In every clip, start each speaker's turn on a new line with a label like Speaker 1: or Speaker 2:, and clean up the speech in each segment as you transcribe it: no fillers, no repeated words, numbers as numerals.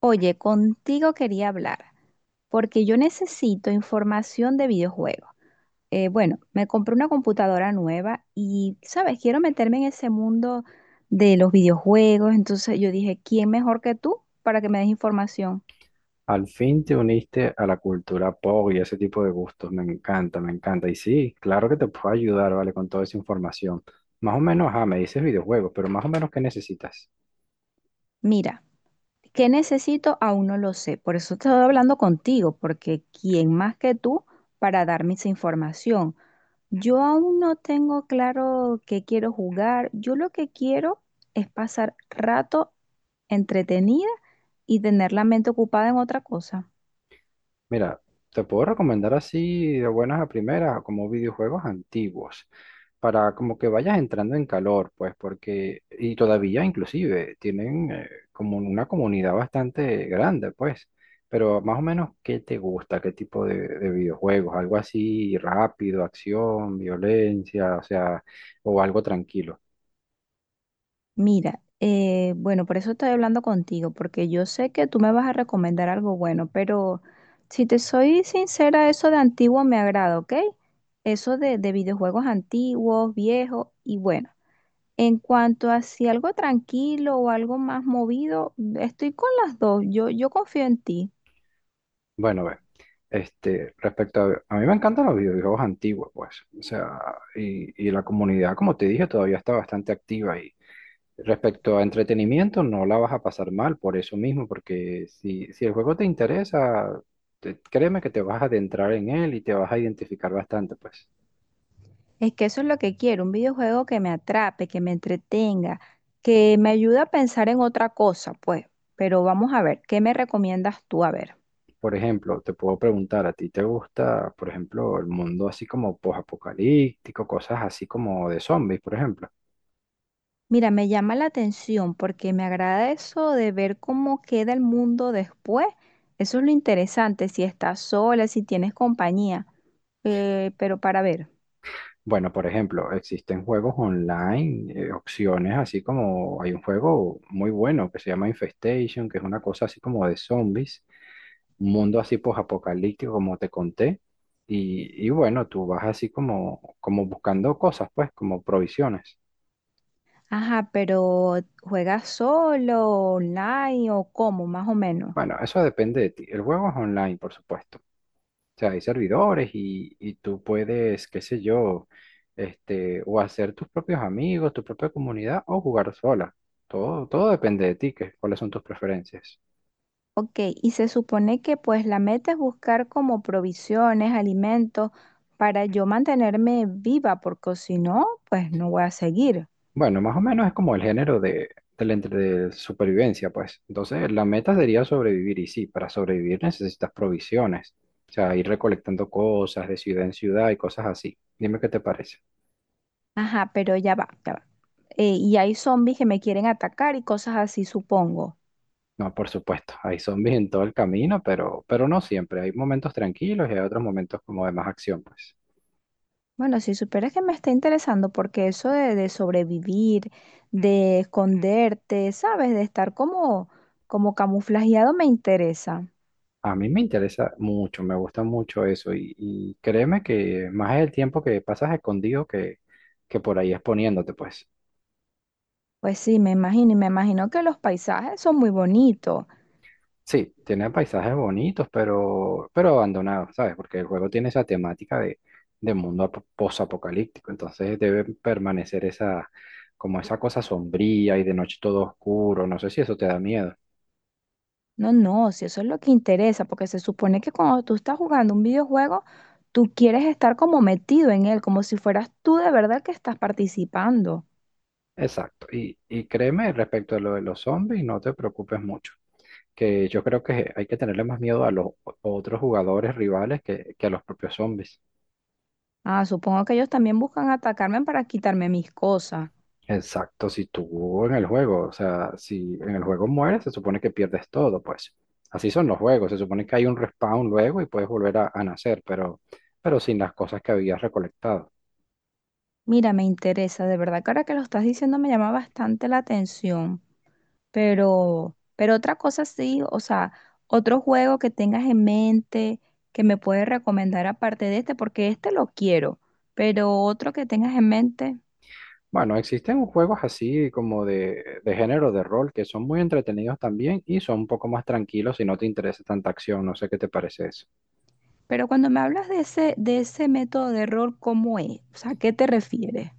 Speaker 1: Oye, contigo quería hablar, porque yo necesito información de videojuegos. Bueno, me compré una computadora nueva y, ¿sabes? Quiero meterme en ese mundo de los videojuegos, entonces yo dije, ¿quién mejor que tú para que me des información?
Speaker 2: Al fin te uniste a la cultura pop y ese tipo de gustos. Me encanta, me encanta. Y sí, claro que te puedo ayudar, ¿vale? Con toda esa información. Más o menos, me dices videojuegos, pero más o menos, ¿qué necesitas?
Speaker 1: Mira, ¿qué necesito? Aún no lo sé, por eso estoy hablando contigo, porque ¿quién más que tú para darme esa información? Yo aún no tengo claro qué quiero jugar. Yo lo que quiero es pasar rato entretenida y tener la mente ocupada en otra cosa.
Speaker 2: Mira, te puedo recomendar así de buenas a primeras como videojuegos antiguos, para como que vayas entrando en calor, pues, porque, y todavía inclusive tienen como una comunidad bastante grande, pues, pero más o menos, ¿qué te gusta? ¿Qué tipo de videojuegos? ¿Algo así rápido, acción, violencia, o sea, o algo tranquilo?
Speaker 1: Mira, bueno, por eso estoy hablando contigo, porque yo sé que tú me vas a recomendar algo bueno, pero si te soy sincera, eso de antiguo me agrada, ¿ok? Eso de videojuegos antiguos, viejos y bueno. En cuanto a si algo tranquilo o algo más movido, estoy con las dos. Yo confío en ti.
Speaker 2: Bueno, ve, este, respecto a mí me encantan los videojuegos antiguos, pues, o sea, y la comunidad, como te dije, todavía está bastante activa y respecto a entretenimiento, no la vas a pasar mal por eso mismo, porque si el juego te interesa, créeme que te vas a adentrar en él y te vas a identificar bastante, pues.
Speaker 1: Es que eso es lo que quiero, un videojuego que me atrape, que me entretenga, que me ayude a pensar en otra cosa, pues. Pero vamos a ver, ¿qué me recomiendas tú? A ver.
Speaker 2: Por ejemplo, te puedo preguntar, ¿a ti te gusta, por ejemplo, el mundo así como post-apocalíptico, cosas así como de zombies, por ejemplo?
Speaker 1: Mira, me llama la atención porque me agrada eso de ver cómo queda el mundo después. Eso es lo interesante, si estás sola, si tienes compañía. Pero para ver.
Speaker 2: Bueno, por ejemplo, existen juegos online, opciones así como hay un juego muy bueno que se llama Infestation, que es una cosa así como de zombies, un mundo así apocalíptico, como te conté, y bueno, tú vas así como, como buscando cosas, pues, como provisiones.
Speaker 1: Ajá, pero ¿juegas solo, online o cómo, más o menos?
Speaker 2: Bueno, eso depende de ti. El juego es online, por supuesto. O sea, hay servidores y tú puedes, qué sé yo, este, o hacer tus propios amigos, tu propia comunidad o jugar sola. Todo depende de ti, que, cuáles son tus preferencias.
Speaker 1: Ok, y se supone que pues la meta es buscar como provisiones, alimentos para yo mantenerme viva, porque si no, pues no voy a seguir.
Speaker 2: Bueno, más o menos es como el género de supervivencia, pues. Entonces, la meta sería sobrevivir y sí, para sobrevivir necesitas provisiones. O sea, ir recolectando cosas de ciudad en ciudad y cosas así. Dime qué te parece.
Speaker 1: Ajá, pero ya va, ya va. Y hay zombies que me quieren atacar y cosas así, supongo.
Speaker 2: No, por supuesto, hay zombies en todo el camino, pero no siempre. Hay momentos tranquilos y hay otros momentos como de más acción, pues.
Speaker 1: Bueno, si supieras que me está interesando, porque eso de sobrevivir, de esconderte, ¿sabes? De estar como, como camuflajeado me interesa.
Speaker 2: A mí me interesa mucho, me gusta mucho eso y créeme que más es el tiempo que pasas escondido que por ahí exponiéndote, pues.
Speaker 1: Pues sí, me imagino, y me imagino que los paisajes son muy bonitos.
Speaker 2: Sí, tiene paisajes bonitos, pero abandonados, ¿sabes? Porque el juego tiene esa temática de, posapocalíptico, entonces debe permanecer esa, como esa cosa sombría y de noche todo oscuro, no sé si eso te da miedo.
Speaker 1: No, no, si eso es lo que interesa, porque se supone que cuando tú estás jugando un videojuego, tú quieres estar como metido en él, como si fueras tú de verdad que estás participando.
Speaker 2: Exacto. Y créeme, respecto a lo de los zombies, no te preocupes mucho, que yo creo que hay que tenerle más miedo a los otros jugadores rivales que a los propios zombies.
Speaker 1: Ah, supongo que ellos también buscan atacarme para quitarme mis cosas.
Speaker 2: Exacto, si tú en el juego, o sea, si en el juego mueres, se supone que pierdes todo, pues. Así son los juegos, se supone que hay un respawn luego y puedes volver a nacer, pero sin las cosas que habías recolectado.
Speaker 1: Mira, me interesa, de verdad que ahora que lo estás diciendo me llama bastante la atención, pero otra cosa sí, o sea, otro juego que tengas en mente que me puedes recomendar aparte de este, porque este lo quiero, pero otro que tengas en mente.
Speaker 2: Bueno, existen juegos así como de género de rol que son muy entretenidos también y son un poco más tranquilos si no te interesa tanta acción, no sé qué te parece eso.
Speaker 1: Pero cuando me hablas de ese método de error, ¿cómo es? O sea, ¿a qué te refieres?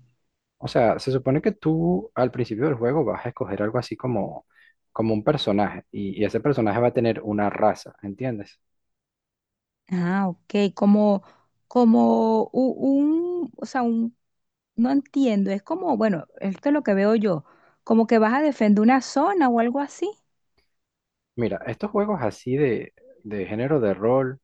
Speaker 2: O sea, se supone que tú al principio del juego vas a escoger algo así como, como un personaje y ese personaje va a tener una raza, ¿entiendes?
Speaker 1: Ah, ok, como, o sea, un, no entiendo, es como, bueno, esto es lo que veo yo, como que vas a defender una zona o algo así.
Speaker 2: Mira, estos juegos así de género de rol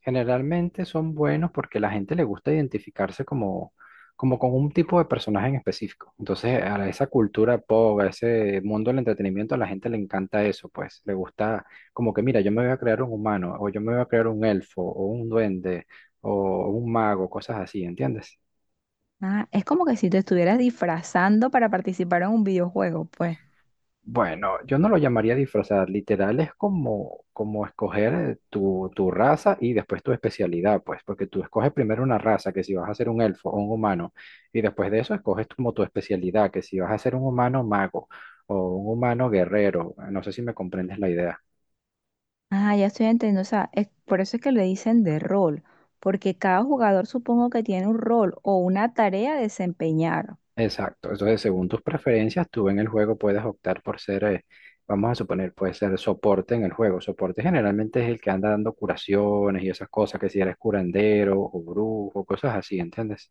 Speaker 2: generalmente son buenos porque la gente le gusta identificarse como, como con un tipo de personaje en específico. Entonces, a esa cultura pop, a ese mundo del entretenimiento, a la gente le encanta eso, pues. Le gusta como que, mira, yo me voy a crear un humano, o yo me voy a crear un elfo, o un duende, o un mago, cosas así, ¿entiendes?
Speaker 1: Ah, es como que si te estuvieras disfrazando para participar en un videojuego, pues.
Speaker 2: Bueno, yo no lo llamaría disfrazar, literal es como, como escoger tu raza y después tu especialidad, pues, porque tú escoges primero una raza, que si vas a ser un elfo o un humano, y después de eso escoges como tu especialidad, que si vas a ser un humano mago o un humano guerrero, no sé si me comprendes la idea.
Speaker 1: Ah, ya estoy entendiendo, o sea, es, por eso es que le dicen de rol, porque cada jugador supongo que tiene un rol o una tarea a desempeñar.
Speaker 2: Exacto, entonces según tus preferencias, tú en el juego puedes optar por ser, vamos a suponer, puede ser soporte en el juego. Soporte generalmente es el que anda dando curaciones y esas cosas, que si eres curandero o brujo, cosas así, ¿entiendes?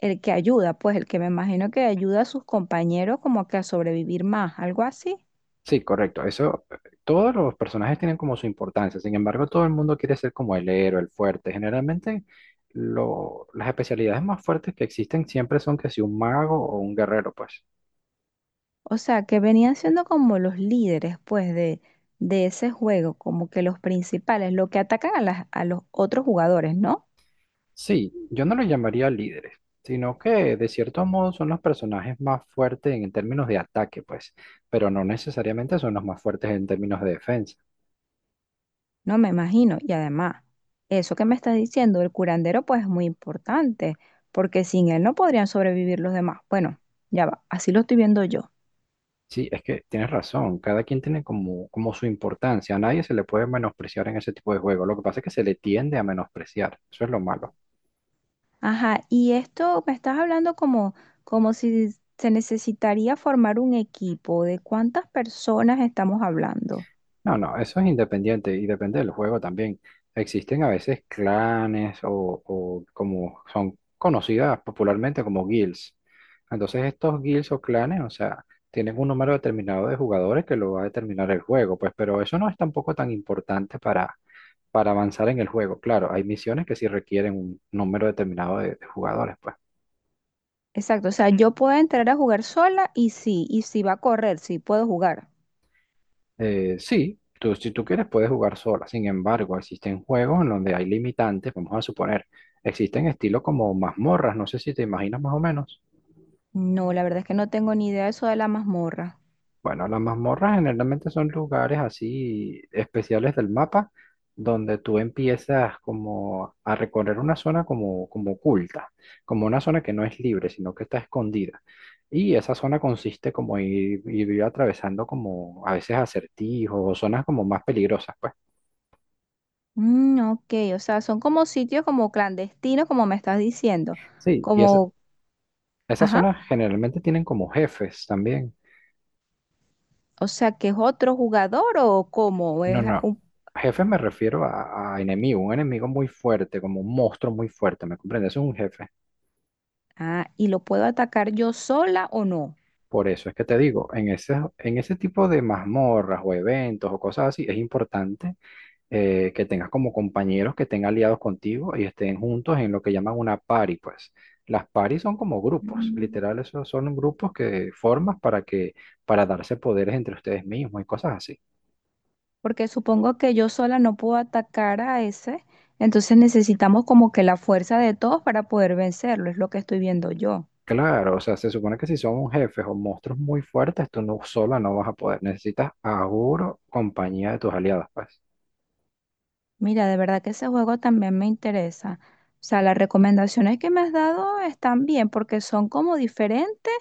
Speaker 1: El que ayuda, pues el que me imagino que ayuda a sus compañeros como que a sobrevivir más, algo así.
Speaker 2: Sí, correcto, eso, todos los personajes tienen como su importancia, sin embargo, todo el mundo quiere ser como el héroe, el fuerte. Generalmente, las especialidades más fuertes que existen siempre son que si un mago o un guerrero, pues.
Speaker 1: O sea, que venían siendo como los líderes, pues, de ese juego, como que los principales, los que atacan a, las, a los otros jugadores, ¿no?
Speaker 2: Sí, yo no los llamaría líderes, sino que de cierto modo son los personajes más fuertes en términos de ataque, pues, pero no necesariamente son los más fuertes en términos de defensa.
Speaker 1: No me imagino. Y además, eso que me estás diciendo, el curandero, pues es muy importante, porque sin él no podrían sobrevivir los demás. Bueno, ya va, así lo estoy viendo yo.
Speaker 2: Sí, es que tienes razón, cada quien tiene como, como su importancia, a nadie se le puede menospreciar en ese tipo de juego, lo que pasa es que se le tiende a menospreciar, eso es lo malo.
Speaker 1: Ajá, y esto me estás hablando como, como si se necesitaría formar un equipo. ¿De cuántas personas estamos hablando?
Speaker 2: No, no, eso es independiente y depende del juego también. Existen a veces clanes o como son conocidas popularmente como guilds. Entonces estos guilds o clanes, o sea, tienen un número determinado de jugadores que lo va a determinar el juego, pues, pero eso no es tampoco tan importante para avanzar en el juego. Claro, hay misiones que sí requieren un número determinado de jugadores, pues.
Speaker 1: Exacto, o sea, yo puedo entrar a jugar sola y sí, y si va a correr, sí, puedo jugar.
Speaker 2: Sí, tú, si tú quieres puedes jugar sola. Sin embargo, existen juegos en donde hay limitantes. Vamos a suponer, existen estilos como mazmorras. No sé si te imaginas más o menos.
Speaker 1: No, la verdad es que no tengo ni idea de eso de la mazmorra.
Speaker 2: Bueno, las mazmorras generalmente son lugares así especiales del mapa donde tú empiezas como a recorrer una zona como, como oculta, como una zona que no es libre, sino que está escondida. Y esa zona consiste como ir atravesando como a veces acertijos o zonas como más peligrosas, pues.
Speaker 1: Mm, ok, o sea, son como sitios como clandestinos, como me estás diciendo.
Speaker 2: Sí, y esa
Speaker 1: Como,
Speaker 2: esas
Speaker 1: ajá,
Speaker 2: zonas generalmente tienen como jefes también.
Speaker 1: o sea, que es otro jugador o cómo
Speaker 2: No,
Speaker 1: es
Speaker 2: no.
Speaker 1: un-
Speaker 2: Jefes me refiero a enemigo, un enemigo muy fuerte, como un monstruo muy fuerte, ¿me comprendes? Es un jefe.
Speaker 1: Ah, y lo puedo atacar yo sola o no.
Speaker 2: Por eso es que te digo, en ese tipo de mazmorras o eventos o cosas así, es importante que tengas como compañeros que estén aliados contigo y estén juntos en lo que llaman una party, pues. Las paris son como grupos,
Speaker 1: Mm.
Speaker 2: literal, esos son grupos que formas para que, para darse poderes entre ustedes mismos y cosas así.
Speaker 1: Porque supongo que yo sola no puedo atacar a ese, entonces necesitamos como que la fuerza de todos para poder vencerlo, es lo que estoy viendo yo.
Speaker 2: Claro, o sea, se supone que si son jefes o monstruos muy fuertes, tú no sola no vas a poder. Necesitas seguro compañía de tus aliados, pues.
Speaker 1: Mira, de verdad que ese juego también me interesa. O sea, las recomendaciones que me has dado están bien porque son como diferentes,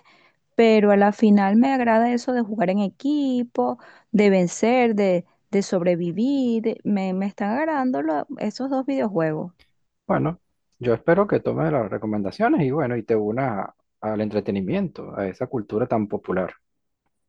Speaker 1: pero a la final me agrada eso de jugar en equipo, de vencer, de sobrevivir. Me están agradando esos dos videojuegos.
Speaker 2: Bueno, yo espero que tomes las recomendaciones y bueno, y te unas al entretenimiento, a esa cultura tan popular.